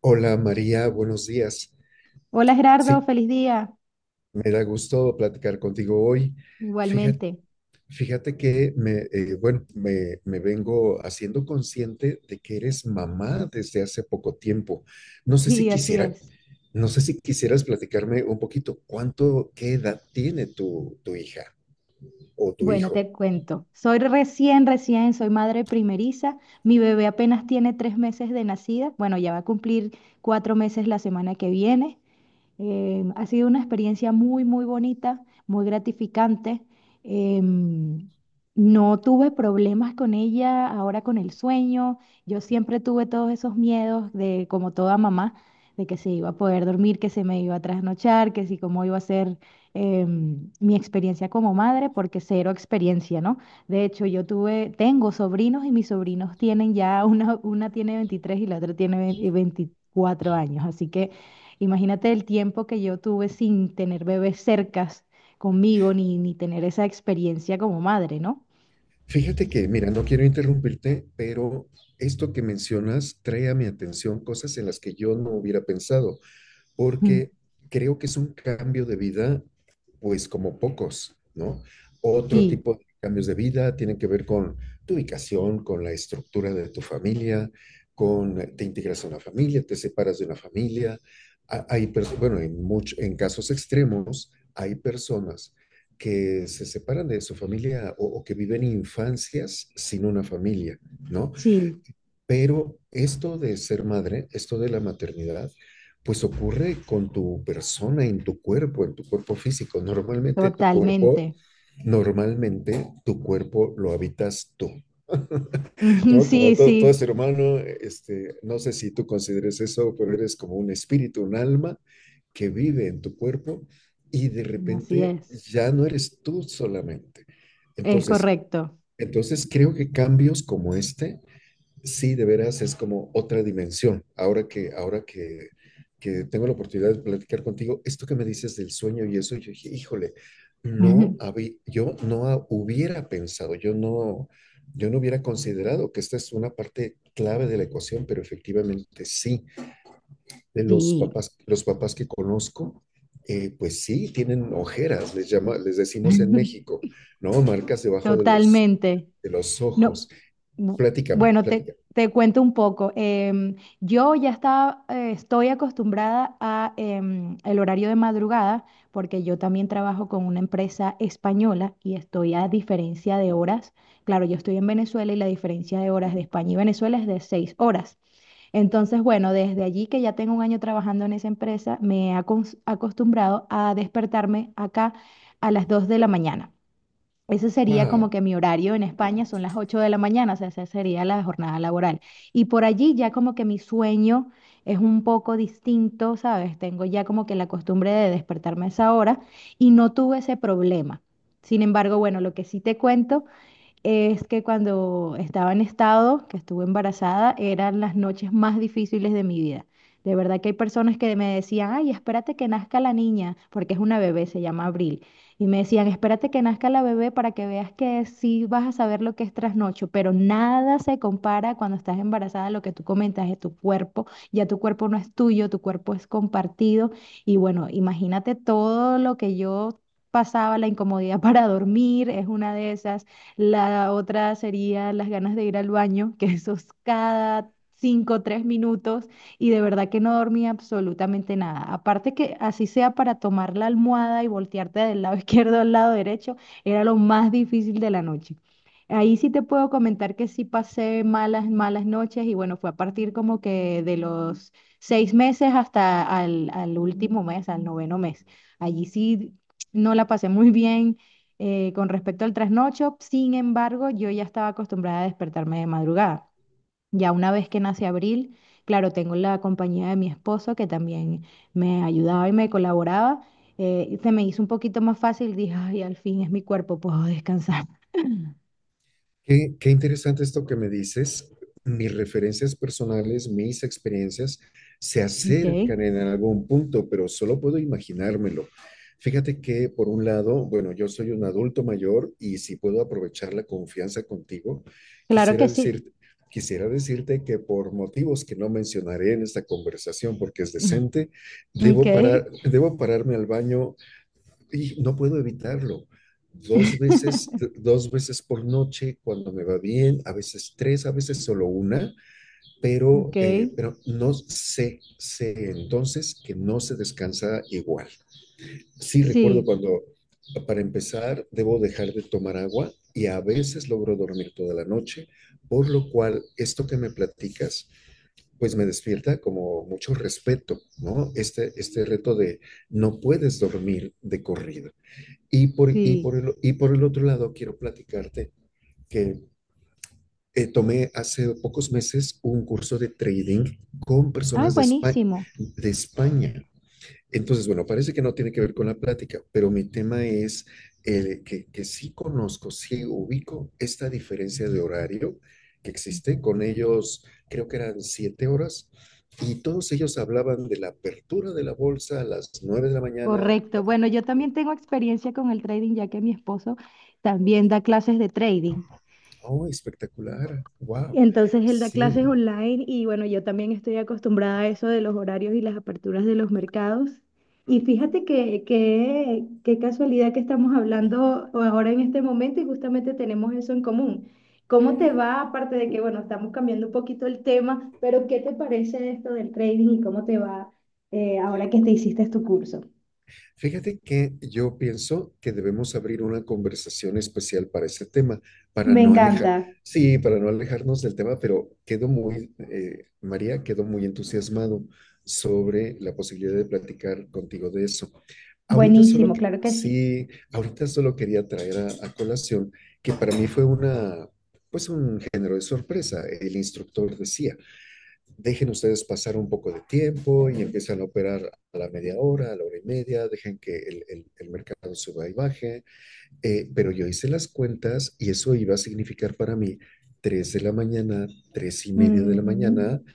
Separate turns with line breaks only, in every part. Hola María, buenos días.
Hola Gerardo,
Sí,
feliz día.
me da gusto platicar contigo hoy. Fíjate,
Igualmente.
fíjate que bueno, me vengo haciendo consciente de que eres mamá desde hace poco tiempo. No sé si
Y así
quisiera,
es.
no sé si quisieras platicarme un poquito qué edad tiene tu hija o tu
Bueno,
hijo.
te cuento. Soy madre primeriza. Mi bebé apenas tiene 3 meses de nacida. Bueno, ya va a cumplir 4 meses la semana que viene. Ha sido una experiencia muy, muy bonita, muy gratificante. Em, no tuve problemas con ella ahora con el sueño. Yo siempre tuve todos esos miedos de, como toda mamá, de que se iba a poder dormir, que se me iba a trasnochar, que si cómo iba a ser mi experiencia como madre, porque cero experiencia, ¿no? De hecho, yo tuve, tengo sobrinos y mis sobrinos tienen ya, una tiene 23 y la otra tiene 20 24 años, así que imagínate el tiempo que yo tuve sin tener bebés cercas conmigo ni tener esa experiencia como madre, ¿no?
Fíjate que, mira, no quiero interrumpirte, pero esto que mencionas trae a mi atención cosas en las que yo no hubiera pensado,
Mm.
porque creo que es un cambio de vida, pues como pocos, ¿no? Otro
Sí,
tipo de cambios de vida tienen que ver con tu ubicación, con la estructura de tu familia, con te integras a una familia, te separas de una familia. Hay, bueno, en casos extremos, hay personas que se separan de su familia que viven infancias sin una familia, ¿no?
sí,
Pero esto de ser madre, esto de la maternidad, pues ocurre con tu persona, en tu cuerpo físico. Normalmente tu cuerpo,
totalmente.
normalmente tu cuerpo lo habitas tú,
Ujú.
¿no? Como
Sí,
todo
sí,
ser humano, este, no sé si tú consideres eso, pero eres como un espíritu, un alma que vive en tu cuerpo y de
así
repente
es.
ya no eres tú solamente.
Es
Entonces,
correcto.
entonces, creo que cambios como este... Sí, de veras es como otra dimensión. Ahora que tengo la oportunidad de platicar contigo, esto que me dices del sueño y eso, yo dije, híjole, no había, yo no ha- hubiera pensado, yo no hubiera considerado que esta es una parte clave de la ecuación, pero efectivamente sí,
Sí,
los papás que conozco, pues sí, tienen ojeras, les llama, les decimos en México, ¿no? Marcas debajo de los,
totalmente.
de los
No,
ojos.
bu-
Platícame,
bueno, te,
platícame.
te cuento un poco. Yo ya estaba, estoy acostumbrada a el horario de madrugada porque yo también trabajo con una empresa española y estoy a diferencia de horas. Claro, yo estoy en Venezuela y la diferencia de horas de España y Venezuela es de 6 horas. Entonces, bueno, desde allí que ya tengo un año trabajando en esa empresa, me he acostumbrado a despertarme acá a las 2 de la mañana. Ese sería como
Wow.
que mi horario en España son las 8 de la mañana, o sea, esa sería la jornada laboral. Y por allí ya como que mi sueño es un poco distinto, ¿sabes? Tengo ya como que la costumbre de despertarme a esa hora y no tuve ese problema. Sin embargo, bueno, lo que sí te cuento es que cuando estaba en estado, que estuve embarazada, eran las noches más difíciles de mi vida. De verdad que hay personas que me decían, ay, espérate que nazca la niña, porque es una bebé, se llama Abril. Y me decían, espérate que nazca la bebé para que veas que sí vas a saber lo que es trasnocho, pero nada se compara cuando estás embarazada a lo que tú comentas de tu cuerpo. Ya tu cuerpo no es tuyo, tu cuerpo es compartido. Y bueno, imagínate todo lo que yo pasaba, la incomodidad para dormir, es una de esas, la otra sería las ganas de ir al baño, que eso es cada 5 o 3 minutos y de verdad que no dormía absolutamente nada. Aparte que así sea para tomar la almohada y voltearte del lado izquierdo al lado derecho, era lo más difícil de la noche. Ahí sí te puedo comentar que sí pasé malas, malas noches y bueno, fue a partir como que de los 6 meses hasta al último mes, al noveno mes. Allí sí no la pasé muy bien, con respecto al trasnocho. Sin embargo, yo ya estaba acostumbrada a despertarme de madrugada. Ya una vez que nace Abril, claro, tengo la compañía de mi esposo que también me ayudaba y me colaboraba. Y se me hizo un poquito más fácil, dije, ay, al fin es mi cuerpo, puedo descansar.
Qué interesante esto que me dices. Mis referencias personales, mis experiencias se
Ok,
acercan en algún punto, pero solo puedo imaginármelo. Fíjate que, por un lado, bueno, yo soy un adulto mayor y si puedo aprovechar la confianza contigo,
claro que
quisiera
sí.
decir, quisiera decirte que por motivos que no mencionaré en esta conversación porque es
Mm.
decente,
Ok,
debo parar, debo pararme al baño y no puedo evitarlo. Dos veces por noche cuando me va bien, a veces tres, a veces solo una,
ok,
pero no sé, sé entonces que no se descansa igual. Sí recuerdo
sí,
cuando, para empezar, debo dejar de tomar agua y a veces logro dormir toda la noche, por lo cual esto que me platicas, pues me despierta como mucho respeto, ¿no? Este reto de no puedes dormir de corrido. Y por, y por
sí.
el, y por el otro lado, quiero platicarte que tomé hace pocos meses un curso de trading con
Ay,
personas de España,
buenísimo.
de España. Entonces, bueno, parece que no tiene que ver con la plática, pero mi tema es que sí conozco, sí ubico esta diferencia de horario que existe. Con ellos creo que eran 7 horas y todos ellos hablaban de la apertura de la bolsa a las 9 de la mañana.
Correcto. Bueno, yo también tengo experiencia con el trading, ya que mi esposo también da clases de trading.
Oh, espectacular. Wow.
Entonces, él da clases
Sí.
online y bueno, yo también estoy acostumbrada a eso de los horarios y las aperturas de los mercados. Y fíjate qué casualidad que estamos hablando ahora en este momento y justamente tenemos eso en común. ¿Cómo te va? Aparte de que, bueno, estamos cambiando un poquito el tema, pero ¿qué te parece esto del trading y cómo te va ahora que te hiciste tu curso?
Fíjate que yo pienso que debemos abrir una conversación especial para ese tema, para
Me
no alejar,
encanta.
sí, para no alejarnos del tema, pero María, quedo muy entusiasmado sobre la posibilidad de platicar contigo de eso.
Buenísimo, claro que sí.
Sí, ahorita solo quería traer a colación que para mí fue pues un género de sorpresa. El instructor decía, dejen ustedes pasar un poco de tiempo y empiezan a operar a la media hora, a la hora y media, dejen que el mercado suba y baje. Pero yo hice las cuentas y eso iba a significar para mí 3 de la mañana, 3:30 de la mañana,
Mm,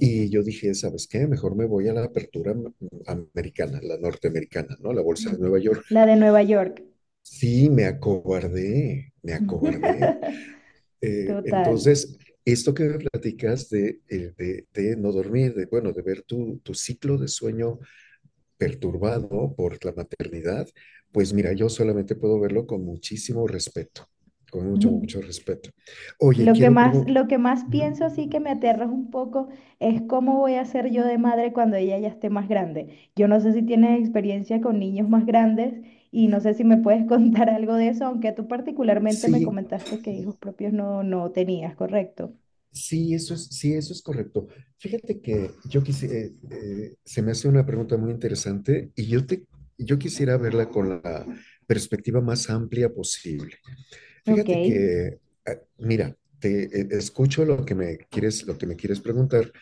y yo dije, ¿sabes qué? Mejor me voy a la apertura americana, la norteamericana, ¿no? La bolsa de
ok.
Nueva York.
La de Nueva York.
Sí, me acobardé, me acobardé.
Total.
Entonces, esto que me platicas de no dormir, bueno, de ver tu ciclo de sueño perturbado por la maternidad, pues mira, yo solamente puedo verlo con muchísimo respeto, con mucho, mucho respeto. Oye,
Lo que
quiero
más,
preguntar,
lo que más pienso así que me aterra un poco es cómo voy a ser yo de madre cuando ella ya esté más grande. Yo no sé si tienes experiencia con niños más grandes y no sé si me puedes contar algo de eso, aunque tú particularmente me
sí,
comentaste que hijos propios no, no tenías, ¿correcto?
sí, eso es correcto. Fíjate que yo quisiera, se me hace una pregunta muy interesante y yo quisiera verla con la perspectiva más amplia posible.
Ok,
Fíjate que, mira, te escucho lo que me quieres preguntar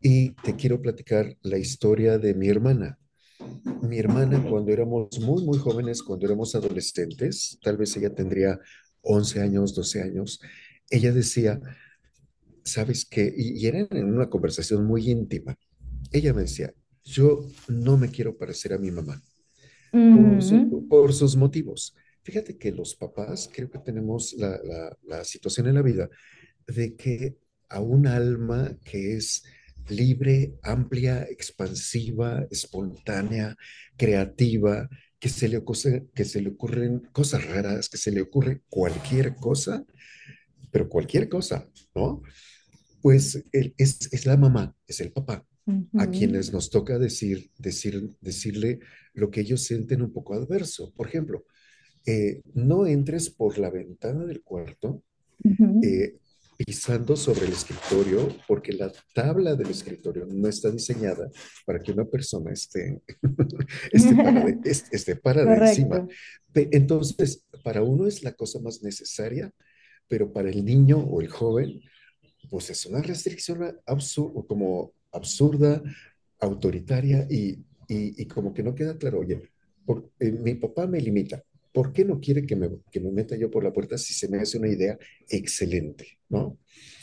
y te quiero platicar la historia de mi hermana. Mi hermana, cuando
excelente.
éramos muy, muy jóvenes, cuando éramos adolescentes, tal vez ella tendría 11 años, 12 años, ella decía, ¿sabes qué? Y era en una conversación muy íntima. Ella me decía, yo no me quiero parecer a mi mamá por, por sus motivos. Fíjate que los papás creo que tenemos la situación en la vida de que a un alma que es libre, amplia, expansiva, espontánea, creativa, que se le, ocurre, que se le ocurren cosas raras, que se le ocurre cualquier cosa, pero cualquier cosa, ¿no? Pues el, es la mamá, es el papá,
Ujú, ujú,
a quienes nos toca decirle lo que ellos sienten un poco adverso. Por ejemplo, no entres por la ventana del cuarto
ujú.
eh, pisando sobre el escritorio, porque la tabla del escritorio no está diseñada para que una persona esté, esté, para de, esté, esté para de encima.
Correcto,
Entonces, para uno es la cosa más necesaria, pero para el niño o el joven pues es una restricción absurda, como absurda, autoritaria y como que no queda claro, oye, mi papá me limita, ¿por qué no quiere que me meta yo por la puerta si se me hace una idea excelente? ¿No?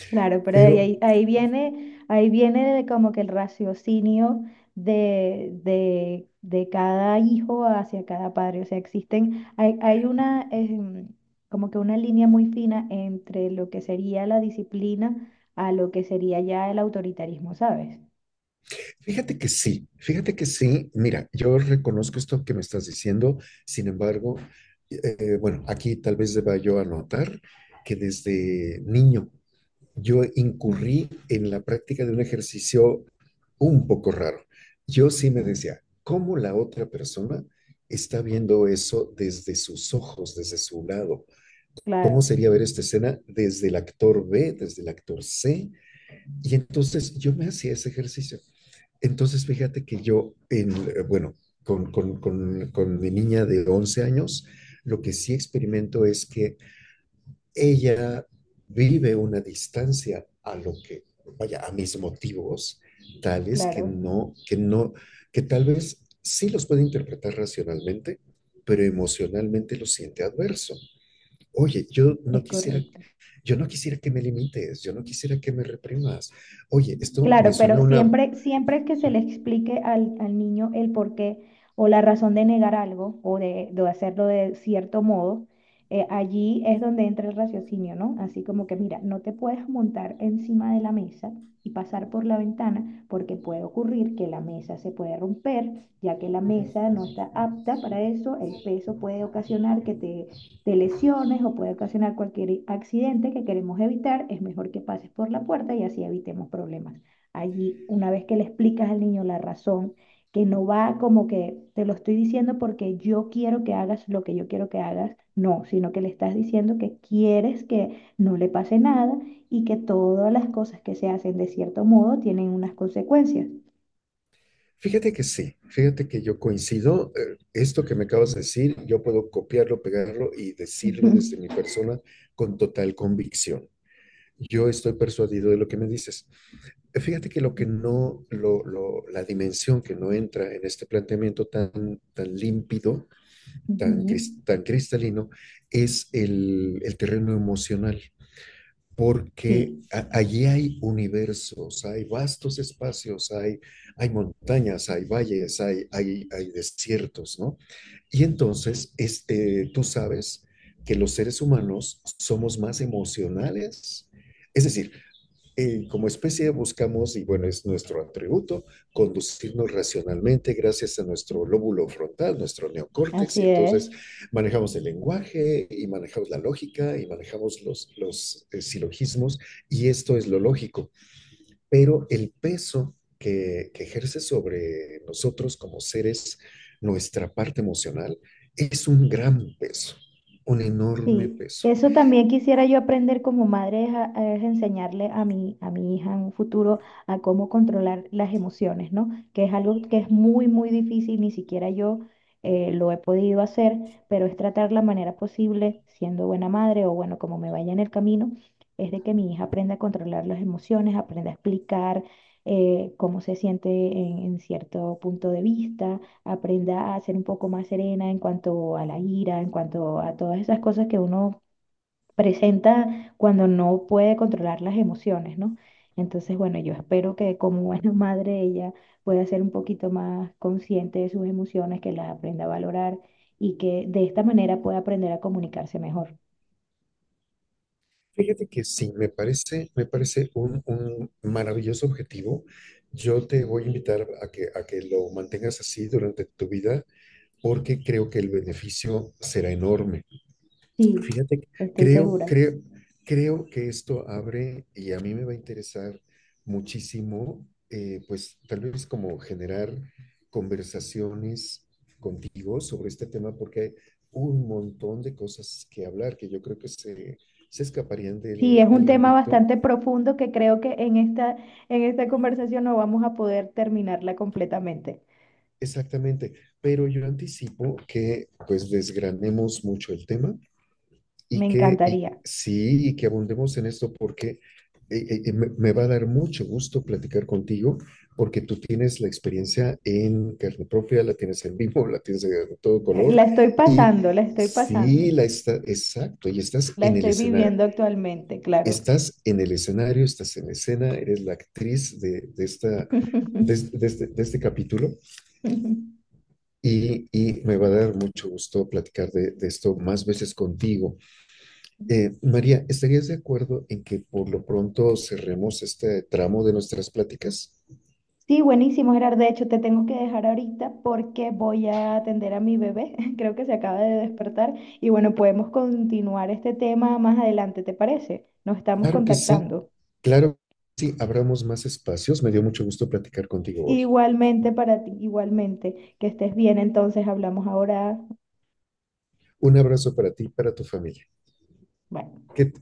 claro, pero ahí,
Pero
ahí, ahí viene, ahí viene de como que el raciocinio de cada hijo hacia cada padre. O sea, existen, hay una, como que una línea muy fina entre lo que sería la disciplina a lo que sería ya el autoritarismo, ¿sabes?
Fíjate que sí, mira, yo reconozco esto que me estás diciendo, sin embargo, bueno, aquí tal vez deba yo anotar que desde niño yo
Mm.
incurrí en la práctica de un ejercicio un poco raro. Yo sí me decía, ¿cómo la otra persona está viendo eso desde sus ojos, desde su lado? ¿Cómo
Claro,
sería ver esta escena desde el actor B, desde el actor C? Y entonces yo me hacía ese ejercicio. Entonces fíjate que yo, en, bueno, con mi niña de 11 años, lo que sí experimento es que ella vive una distancia a lo que, vaya, a mis motivos, tales que
claro,
no, que no, que tal vez sí los puede interpretar racionalmente, pero emocionalmente lo siente adverso. Oye,
es correcto.
yo no quisiera que me limites, yo no quisiera que me reprimas. Oye, esto me
Claro,
suena
pero
a una...
siempre, siempre que se le explique al niño el porqué o la razón de negar algo o de hacerlo de cierto modo, allí es donde entra el raciocinio, ¿no? Así como que, mira, no te puedes montar encima de la mesa y pasar por la ventana porque puede ocurrir que la mesa se puede romper, ya que la mesa no está apta para eso, el peso puede ocasionar que te lesiones o puede ocasionar cualquier accidente que queremos evitar, es mejor que pases por la puerta y así evitemos problemas allí, una vez que le explicas al niño la razón, que no va como que te lo estoy diciendo porque yo quiero que hagas lo que yo quiero que hagas, no, sino que le estás diciendo que quieres que no le pase nada y que todas las cosas que se hacen de cierto modo tienen unas consecuencias.
Fíjate que sí, fíjate que yo coincido, esto que me acabas de decir, yo puedo copiarlo, pegarlo y decirlo desde
Ujú,
mi persona con total convicción. Yo estoy persuadido de lo que me dices. Fíjate que lo que no, la dimensión que no entra en este planteamiento tan, tan límpido, tan,
ujú.
tan cristalino, es el terreno emocional, porque
Sí,
a- allí hay universos, hay vastos espacios, hay montañas, hay valles, hay desiertos, ¿no? Y entonces, este, tú sabes que los seres humanos somos más emocionales. Es decir, como especie buscamos, y bueno, es nuestro atributo, conducirnos racionalmente gracias a nuestro lóbulo frontal, nuestro neocórtex, y
así
entonces
es.
manejamos el lenguaje y manejamos la lógica y manejamos los silogismos, y esto es lo lógico, pero el peso que ejerce sobre nosotros como seres nuestra parte emocional es un gran peso, un enorme
Sí,
peso.
eso también quisiera yo aprender como madre, es enseñarle a a mi hija en un futuro a cómo controlar las emociones, ¿no? Que es algo que es muy, muy difícil, ni siquiera yo lo he podido hacer, pero es tratar la manera posible, siendo buena madre o bueno, como me vaya en el camino, es de que mi hija aprenda a controlar las emociones, aprenda a explicar cómo se siente en cierto punto de vista aprenda a ser un poco más serena en cuanto a la ira, en cuanto a todas esas cosas que uno presenta cuando no puede controlar las emociones, ¿no? Entonces, bueno, yo espero que como buena madre ella pueda ser un poquito más consciente de sus emociones, que las aprenda a valorar y que de esta manera pueda aprender a comunicarse mejor.
Fíjate que sí, me parece un maravilloso objetivo. Yo te voy a invitar a que lo mantengas así durante tu vida porque creo que el beneficio será enorme.
Sí,
Fíjate, que
estoy
creo,
segura.
creo, creo que esto abre y a mí me va a interesar muchísimo, pues tal vez como generar conversaciones contigo sobre este tema, porque hay un montón de cosas que hablar que yo creo que se escaparían
Sí,
del,
es un
del
tema
ámbito.
bastante profundo que creo que en esta conversación no vamos a poder terminarla completamente.
Exactamente, pero yo anticipo que pues desgranemos mucho el tema.
Me encantaría.
Sí, y que abundemos en esto porque me va a dar mucho gusto platicar contigo porque tú tienes la experiencia en carne propia, la tienes en vivo, la tienes de todo color
La estoy
y
pasando, la estoy pasando.
sí, la está, exacto, y estás
La
en el
estoy
escenario,
viviendo actualmente, claro.
estás en el escenario, estás en escena, eres la actriz de esta... De, este, de este, de este capítulo y me va a dar mucho gusto platicar de esto más veces contigo. María, ¿estarías de acuerdo en que por lo pronto cerremos este tramo de nuestras pláticas?
Sí, buenísimo, Gerard. De hecho, te tengo que dejar ahorita porque voy a atender a mi bebé. Creo que se acaba de despertar. Y bueno, podemos continuar este tema más adelante, ¿te parece? Nos estamos
Claro que sí,
contactando.
claro que sí, abramos más espacios. Me dio mucho gusto platicar contigo hoy.
Igualmente para ti, igualmente. Que estés bien, entonces hablamos ahora.
Un abrazo para ti y para tu familia.
Bye.
Que